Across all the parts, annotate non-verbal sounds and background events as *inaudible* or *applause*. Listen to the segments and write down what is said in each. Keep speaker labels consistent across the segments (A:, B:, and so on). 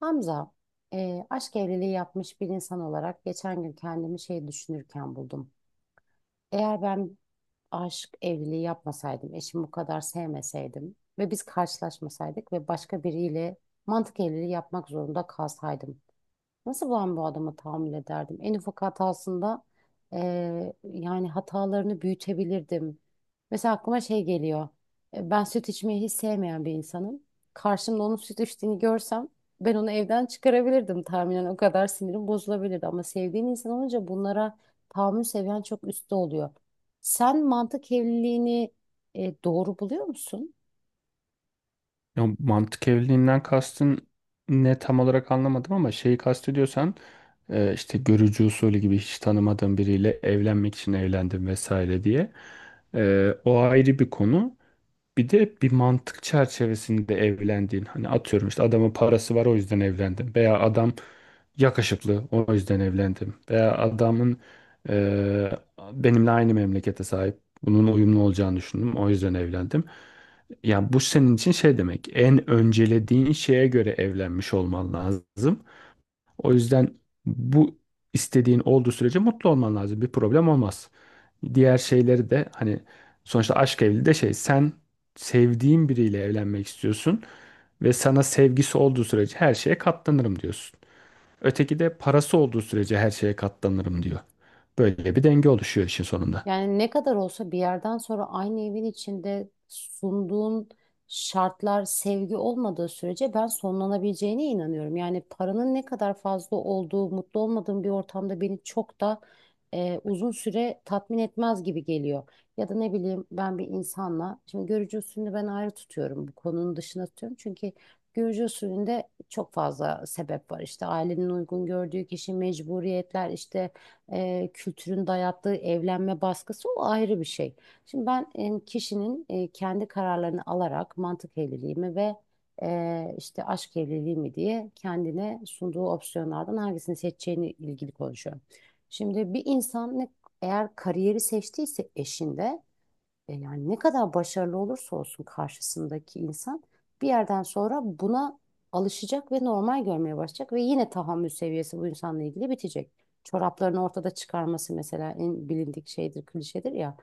A: Hamza, aşk evliliği yapmış bir insan olarak geçen gün kendimi şey düşünürken buldum. Eğer ben aşk evliliği yapmasaydım, eşimi bu kadar sevmeseydim ve biz karşılaşmasaydık ve başka biriyle mantık evliliği yapmak zorunda kalsaydım. Nasıl ben bu adama tahammül ederdim? En ufak hatasında yani hatalarını büyütebilirdim. Mesela aklıma şey geliyor. Ben süt içmeyi hiç sevmeyen bir insanım. Karşımda onun süt içtiğini görsem ben onu evden çıkarabilirdim tahminen. O kadar sinirim bozulabilirdi. Ama sevdiğin insan olunca bunlara tahammül seviyen çok üstte oluyor. Sen mantık evliliğini doğru buluyor musun?
B: Ya mantık evliliğinden kastın ne tam olarak anlamadım ama şeyi kastediyorsan işte görücü usulü gibi hiç tanımadığın biriyle evlenmek için evlendim vesaire diye. E, o ayrı bir konu. Bir de bir mantık çerçevesinde evlendiğin hani atıyorum işte adamın parası var o yüzden evlendim veya adam yakışıklı o yüzden evlendim veya adamın eee, benimle aynı memlekete sahip bunun uyumlu olacağını düşündüm o yüzden evlendim. Yani bu senin için şey demek, en öncelediğin şeye göre evlenmiş olman lazım. O yüzden bu istediğin olduğu sürece mutlu olman lazım. Bir problem olmaz. Diğer şeyleri de hani sonuçta aşk evliliği de şey, sen sevdiğin biriyle evlenmek istiyorsun ve sana sevgisi olduğu sürece her şeye katlanırım diyorsun. Öteki de parası olduğu sürece her şeye katlanırım diyor. Böyle bir denge oluşuyor işin sonunda.
A: Yani ne kadar olsa bir yerden sonra aynı evin içinde sunduğun şartlar sevgi olmadığı sürece ben sonlanabileceğine inanıyorum. Yani paranın ne kadar fazla olduğu, mutlu olmadığım bir ortamda beni çok da uzun süre tatmin etmez gibi geliyor. Ya da ne bileyim ben bir insanla, şimdi görücü usulünü ben ayrı tutuyorum, bu konunun dışına tutuyorum. Çünkü görücü usulünde çok fazla sebep var. İşte ailenin uygun gördüğü kişi, mecburiyetler, işte kültürün dayattığı evlenme baskısı o ayrı bir şey. Şimdi ben kişinin kendi kararlarını alarak mantık evliliği mi ve işte aşk evliliği mi diye kendine sunduğu opsiyonlardan hangisini seçeceğini ilgili konuşuyorum. Şimdi bir insan ne, eğer kariyeri seçtiyse eşinde yani ne kadar başarılı olursa olsun karşısındaki insan bir yerden sonra buna alışacak ve normal görmeye başlayacak ve yine tahammül seviyesi bu insanla ilgili bitecek. Çoraplarını ortada çıkarması mesela en bilindik şeydir, klişedir ya.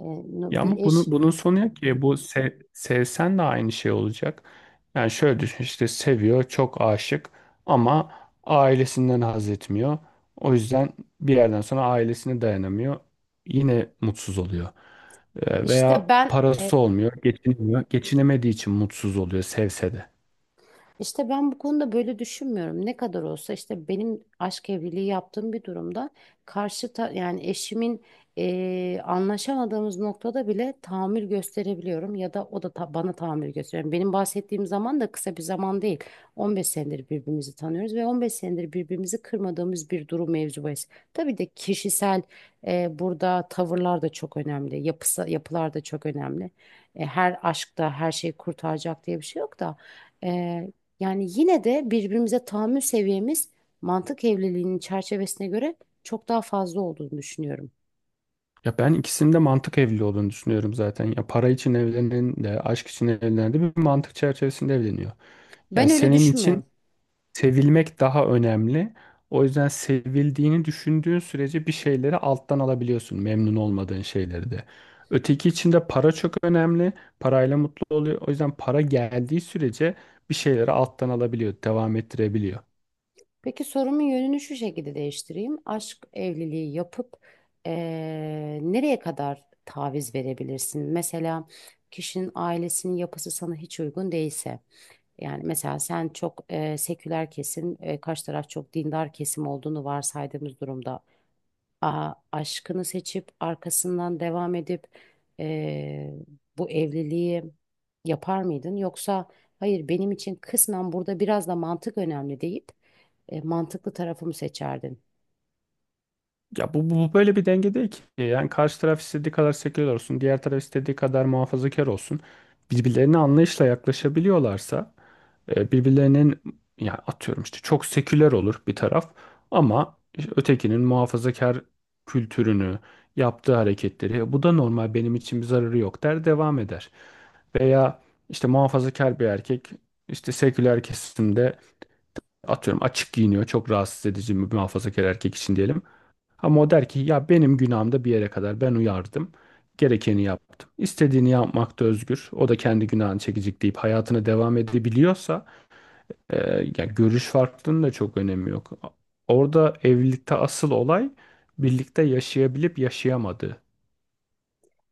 B: Ya
A: Bir
B: ama bunun,
A: eş
B: bunun sonu yok ki. E, bu sevsen de aynı şey olacak. Yani şöyle düşün, işte seviyor, çok aşık ama ailesinden haz etmiyor. O yüzden bir yerden sonra ailesine dayanamıyor. Yine mutsuz oluyor.
A: işte
B: Veya
A: ben
B: parası olmuyor, geçinemiyor. Geçinemediği için mutsuz oluyor sevse de.
A: İşte ben bu konuda böyle düşünmüyorum. Ne kadar olsa işte benim aşk evliliği yaptığım bir durumda yani eşimin anlaşamadığımız noktada bile tahammül gösterebiliyorum ya da o da bana tahammül gösteriyor. Yani benim bahsettiğim zaman da kısa bir zaman değil. 15 senedir birbirimizi tanıyoruz ve 15 senedir birbirimizi kırmadığımız bir durum mevzu bahis. Tabii de kişisel burada tavırlar da çok önemli. Yapılar da çok önemli. Her aşkta her şeyi kurtaracak diye bir şey yok da. Yani yine de birbirimize tahammül seviyemiz mantık evliliğinin çerçevesine göre çok daha fazla olduğunu düşünüyorum.
B: Ya ben ikisinin de mantık evliliği olduğunu düşünüyorum zaten. Ya para için evlenen de, aşk için evlenen de bir mantık çerçevesinde evleniyor. Ya
A: Ben öyle
B: senin için
A: düşünmüyorum.
B: sevilmek daha önemli. O yüzden sevildiğini düşündüğün sürece bir şeyleri alttan alabiliyorsun, memnun olmadığın şeyleri de. Öteki için de para çok önemli. Parayla mutlu oluyor. O yüzden para geldiği sürece bir şeyleri alttan alabiliyor, devam ettirebiliyor.
A: Peki sorumun yönünü şu şekilde değiştireyim. Aşk evliliği yapıp nereye kadar taviz verebilirsin? Mesela kişinin ailesinin yapısı sana hiç uygun değilse. Yani mesela sen çok seküler kesim, karşı taraf çok dindar kesim olduğunu varsaydığımız durumda aşkını seçip arkasından devam edip eee, bu evliliği yapar mıydın? Yoksa hayır benim için kısmen burada biraz da mantık önemli deyip mantıklı tarafımı seçerdin.
B: Ya bu böyle bir denge değil ki. Yani karşı taraf istediği kadar seküler olsun, diğer taraf istediği kadar muhafazakar olsun. Birbirlerine anlayışla yaklaşabiliyorlarsa birbirlerinin, ya atıyorum işte çok seküler olur bir taraf ama ötekinin muhafazakar kültürünü, yaptığı hareketleri "E, bu da normal, benim için bir zararı yok" der, devam eder. Veya işte muhafazakar bir erkek işte seküler kesimde atıyorum açık giyiniyor, çok rahatsız edici bir muhafazakar erkek için diyelim. Ama o der ki ya benim günahım da bir yere kadar, ben uyardım. Gerekeni yaptım. İstediğini yapmakta özgür. O da kendi günahını çekecek deyip hayatına devam edebiliyorsa e, yani görüş farklılığının da çok önemi yok. Orada evlilikte asıl olay birlikte yaşayabilip yaşayamadığı.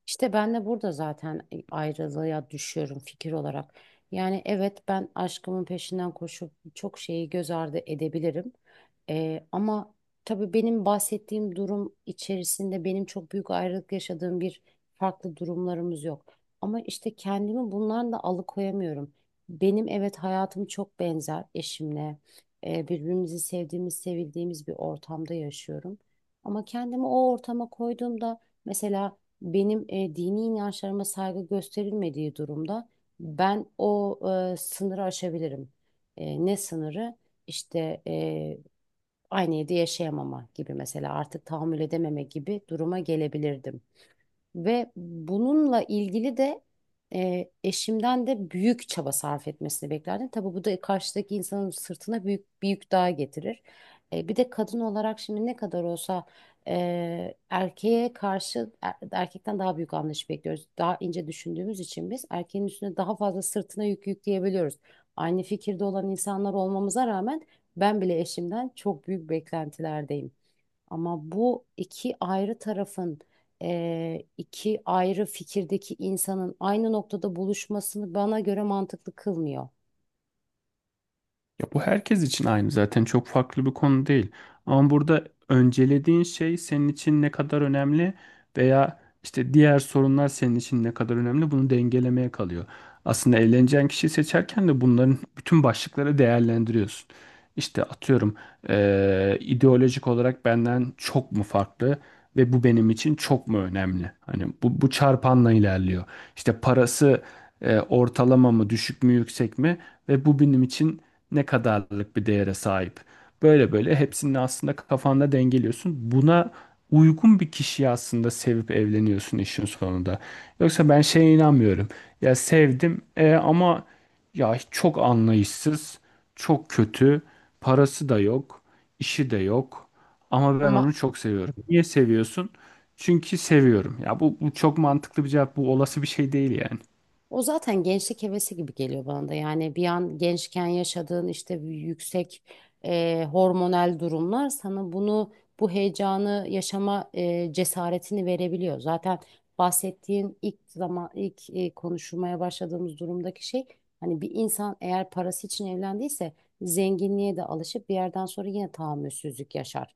A: İşte ben de burada zaten ayrılığa düşüyorum fikir olarak. Yani evet ben aşkımın peşinden koşup çok şeyi göz ardı edebilirim. Ama tabii benim bahsettiğim durum içerisinde benim çok büyük ayrılık yaşadığım bir farklı durumlarımız yok. Ama işte kendimi bundan da alıkoyamıyorum. Benim evet hayatım çok benzer eşimle. Birbirimizi sevdiğimiz, sevildiğimiz bir ortamda yaşıyorum. Ama kendimi o ortama koyduğumda mesela benim dini inançlarıma saygı gösterilmediği durumda ben o sınırı aşabilirim. Ne sınırı? İşte aynı evde yaşayamama gibi mesela artık tahammül edememe gibi duruma gelebilirdim. Ve bununla ilgili de eşimden de büyük çaba sarf etmesini beklerdim. Tabii bu da karşıdaki insanın sırtına büyük bir yük daha getirir. Bir de kadın olarak şimdi ne kadar olsa erkeğe karşı erkekten daha büyük anlayış bekliyoruz. Daha ince düşündüğümüz için biz erkeğin üstüne daha fazla sırtına yük yükleyebiliyoruz. Aynı fikirde olan insanlar olmamıza rağmen ben bile eşimden çok büyük beklentilerdeyim. Ama bu iki ayrı tarafın iki ayrı fikirdeki insanın aynı noktada buluşmasını bana göre mantıklı kılmıyor.
B: Ya bu herkes için aynı zaten, çok farklı bir konu değil. Ama burada öncelediğin şey senin için ne kadar önemli veya işte diğer sorunlar senin için ne kadar önemli, bunu dengelemeye kalıyor. Aslında evleneceğin kişiyi seçerken de bunların bütün başlıkları değerlendiriyorsun. İşte atıyorum ideolojik olarak benden çok mu farklı ve bu benim için çok mu önemli? Hani bu çarpanla ilerliyor. İşte parası ortalama mı, düşük mü, yüksek mi? Ve bu benim için ne kadarlık bir değere sahip. Böyle böyle hepsini aslında kafanda dengeliyorsun. Buna uygun bir kişiyi aslında sevip evleniyorsun işin sonunda. Yoksa ben şeye inanmıyorum. Ya sevdim ama ya çok anlayışsız, çok kötü, parası da yok, işi de yok. Ama ben
A: Ama
B: onu çok seviyorum. Niye seviyorsun? Çünkü seviyorum. Ya bu çok mantıklı bir cevap. Bu olası bir şey değil yani.
A: O zaten gençlik hevesi gibi geliyor bana da. Yani bir an gençken yaşadığın işte bir yüksek hormonal durumlar sana bunu bu heyecanı yaşama cesaretini verebiliyor. Zaten bahsettiğin ilk zaman ilk konuşmaya başladığımız durumdaki şey hani bir insan eğer parası için evlendiyse zenginliğe de alışıp bir yerden sonra yine tahammülsüzlük yaşar.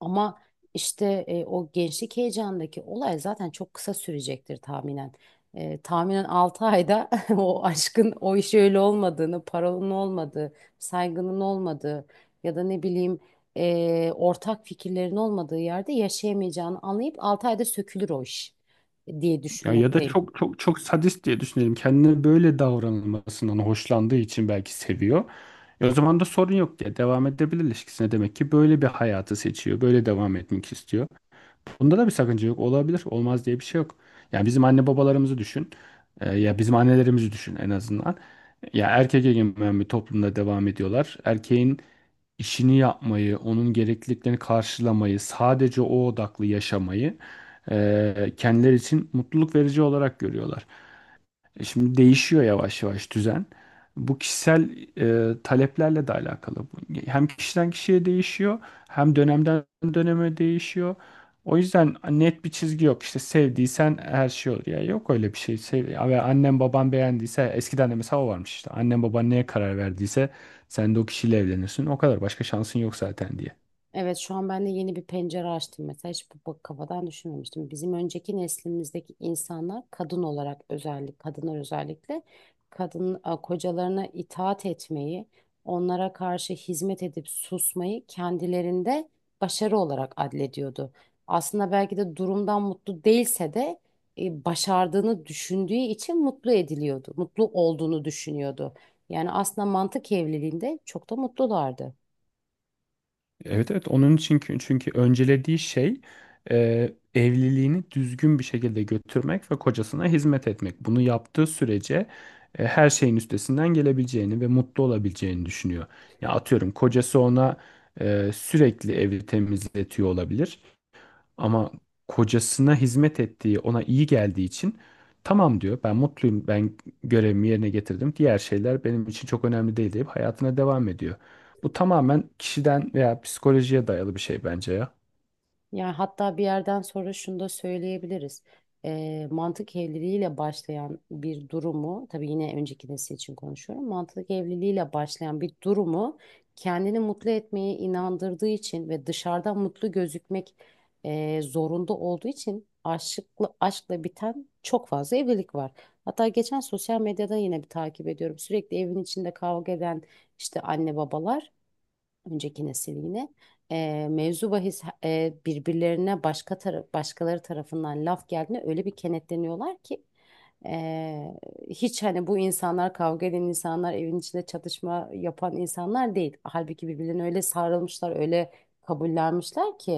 A: Ama işte o gençlik heyecanındaki olay zaten çok kısa sürecektir tahminen. Tahminen 6 ayda *laughs* o aşkın o iş öyle olmadığını, parolun olmadığı, saygının olmadığı ya da ne bileyim ortak fikirlerin olmadığı yerde yaşayamayacağını anlayıp 6 ayda sökülür o iş diye
B: Ya ya da
A: düşünmekteyim.
B: çok çok çok sadist diye düşünelim. Kendine böyle davranılmasından hoşlandığı için belki seviyor. E o zaman da sorun yok diye devam edebilir ilişkisine. Demek ki böyle bir hayatı seçiyor. Böyle devam etmek istiyor. Bunda da bir sakınca yok. Olabilir. Olmaz diye bir şey yok. Yani bizim anne babalarımızı düşün. E, ya bizim annelerimizi düşün en azından. Ya erkek egemen bir toplumda devam ediyorlar. Erkeğin işini yapmayı, onun gerekliliklerini karşılamayı, sadece o odaklı yaşamayı kendileri için mutluluk verici olarak görüyorlar. E, şimdi değişiyor yavaş yavaş düzen. Bu kişisel taleplerle de alakalı. Bu hem kişiden kişiye değişiyor, hem dönemden döneme değişiyor. O yüzden net bir çizgi yok. İşte sevdiysen her şey olur. Ya yok öyle bir şey. Sev ve annem baban beğendiyse, eskiden de mesela o varmış işte. Annem baban neye karar verdiyse sen de o kişiyle evlenirsin. O kadar, başka şansın yok zaten diye.
A: Evet şu an ben de yeni bir pencere açtım mesela hiç bu kafadan düşünmemiştim. Bizim önceki neslimizdeki insanlar kadın olarak özellikle kadınlar özellikle kadın kocalarına itaat etmeyi, onlara karşı hizmet edip susmayı kendilerinde başarı olarak adlediyordu. Aslında belki de durumdan mutlu değilse de başardığını düşündüğü için mutlu ediliyordu. Mutlu olduğunu düşünüyordu. Yani aslında mantık evliliğinde çok da mutlulardı.
B: Evet evet, onun için, çünkü öncelediği şey evliliğini düzgün bir şekilde götürmek ve kocasına hizmet etmek. Bunu yaptığı sürece her şeyin üstesinden gelebileceğini ve mutlu olabileceğini düşünüyor. Ya atıyorum kocası ona sürekli evi temizletiyor olabilir. Ama kocasına hizmet ettiği, ona iyi geldiği için tamam diyor. Ben mutluyum. Ben görevimi yerine getirdim. Diğer şeyler benim için çok önemli değil deyip hayatına devam ediyor. Bu tamamen kişiden veya psikolojiye dayalı bir şey bence ya.
A: Yani hatta bir yerden sonra şunu da söyleyebiliriz. Mantık evliliğiyle başlayan bir durumu, tabii yine önceki nesil için konuşuyorum. Mantık evliliğiyle başlayan bir durumu kendini mutlu etmeye inandırdığı için ve dışarıdan mutlu gözükmek zorunda olduğu için aşıkla, aşkla biten çok fazla evlilik var. Hatta geçen sosyal medyada yine bir takip ediyorum. Sürekli evin içinde kavga eden işte anne babalar önceki nesil yine mevzu bahis birbirlerine başkaları tarafından laf geldiğinde öyle bir kenetleniyorlar ki e, hiç hani bu insanlar kavga eden insanlar evin içinde çatışma yapan insanlar değil. Halbuki birbirlerine öyle sarılmışlar öyle kabullenmişler ki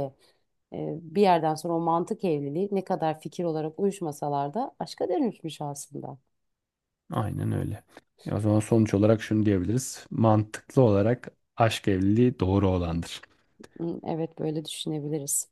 A: bir yerden sonra o mantık evliliği ne kadar fikir olarak uyuşmasalar da aşka dönüşmüş aslında.
B: Aynen öyle. Ya o zaman sonuç olarak şunu diyebiliriz. Mantıklı olarak aşk evliliği doğru olandır.
A: Hı, evet böyle düşünebiliriz.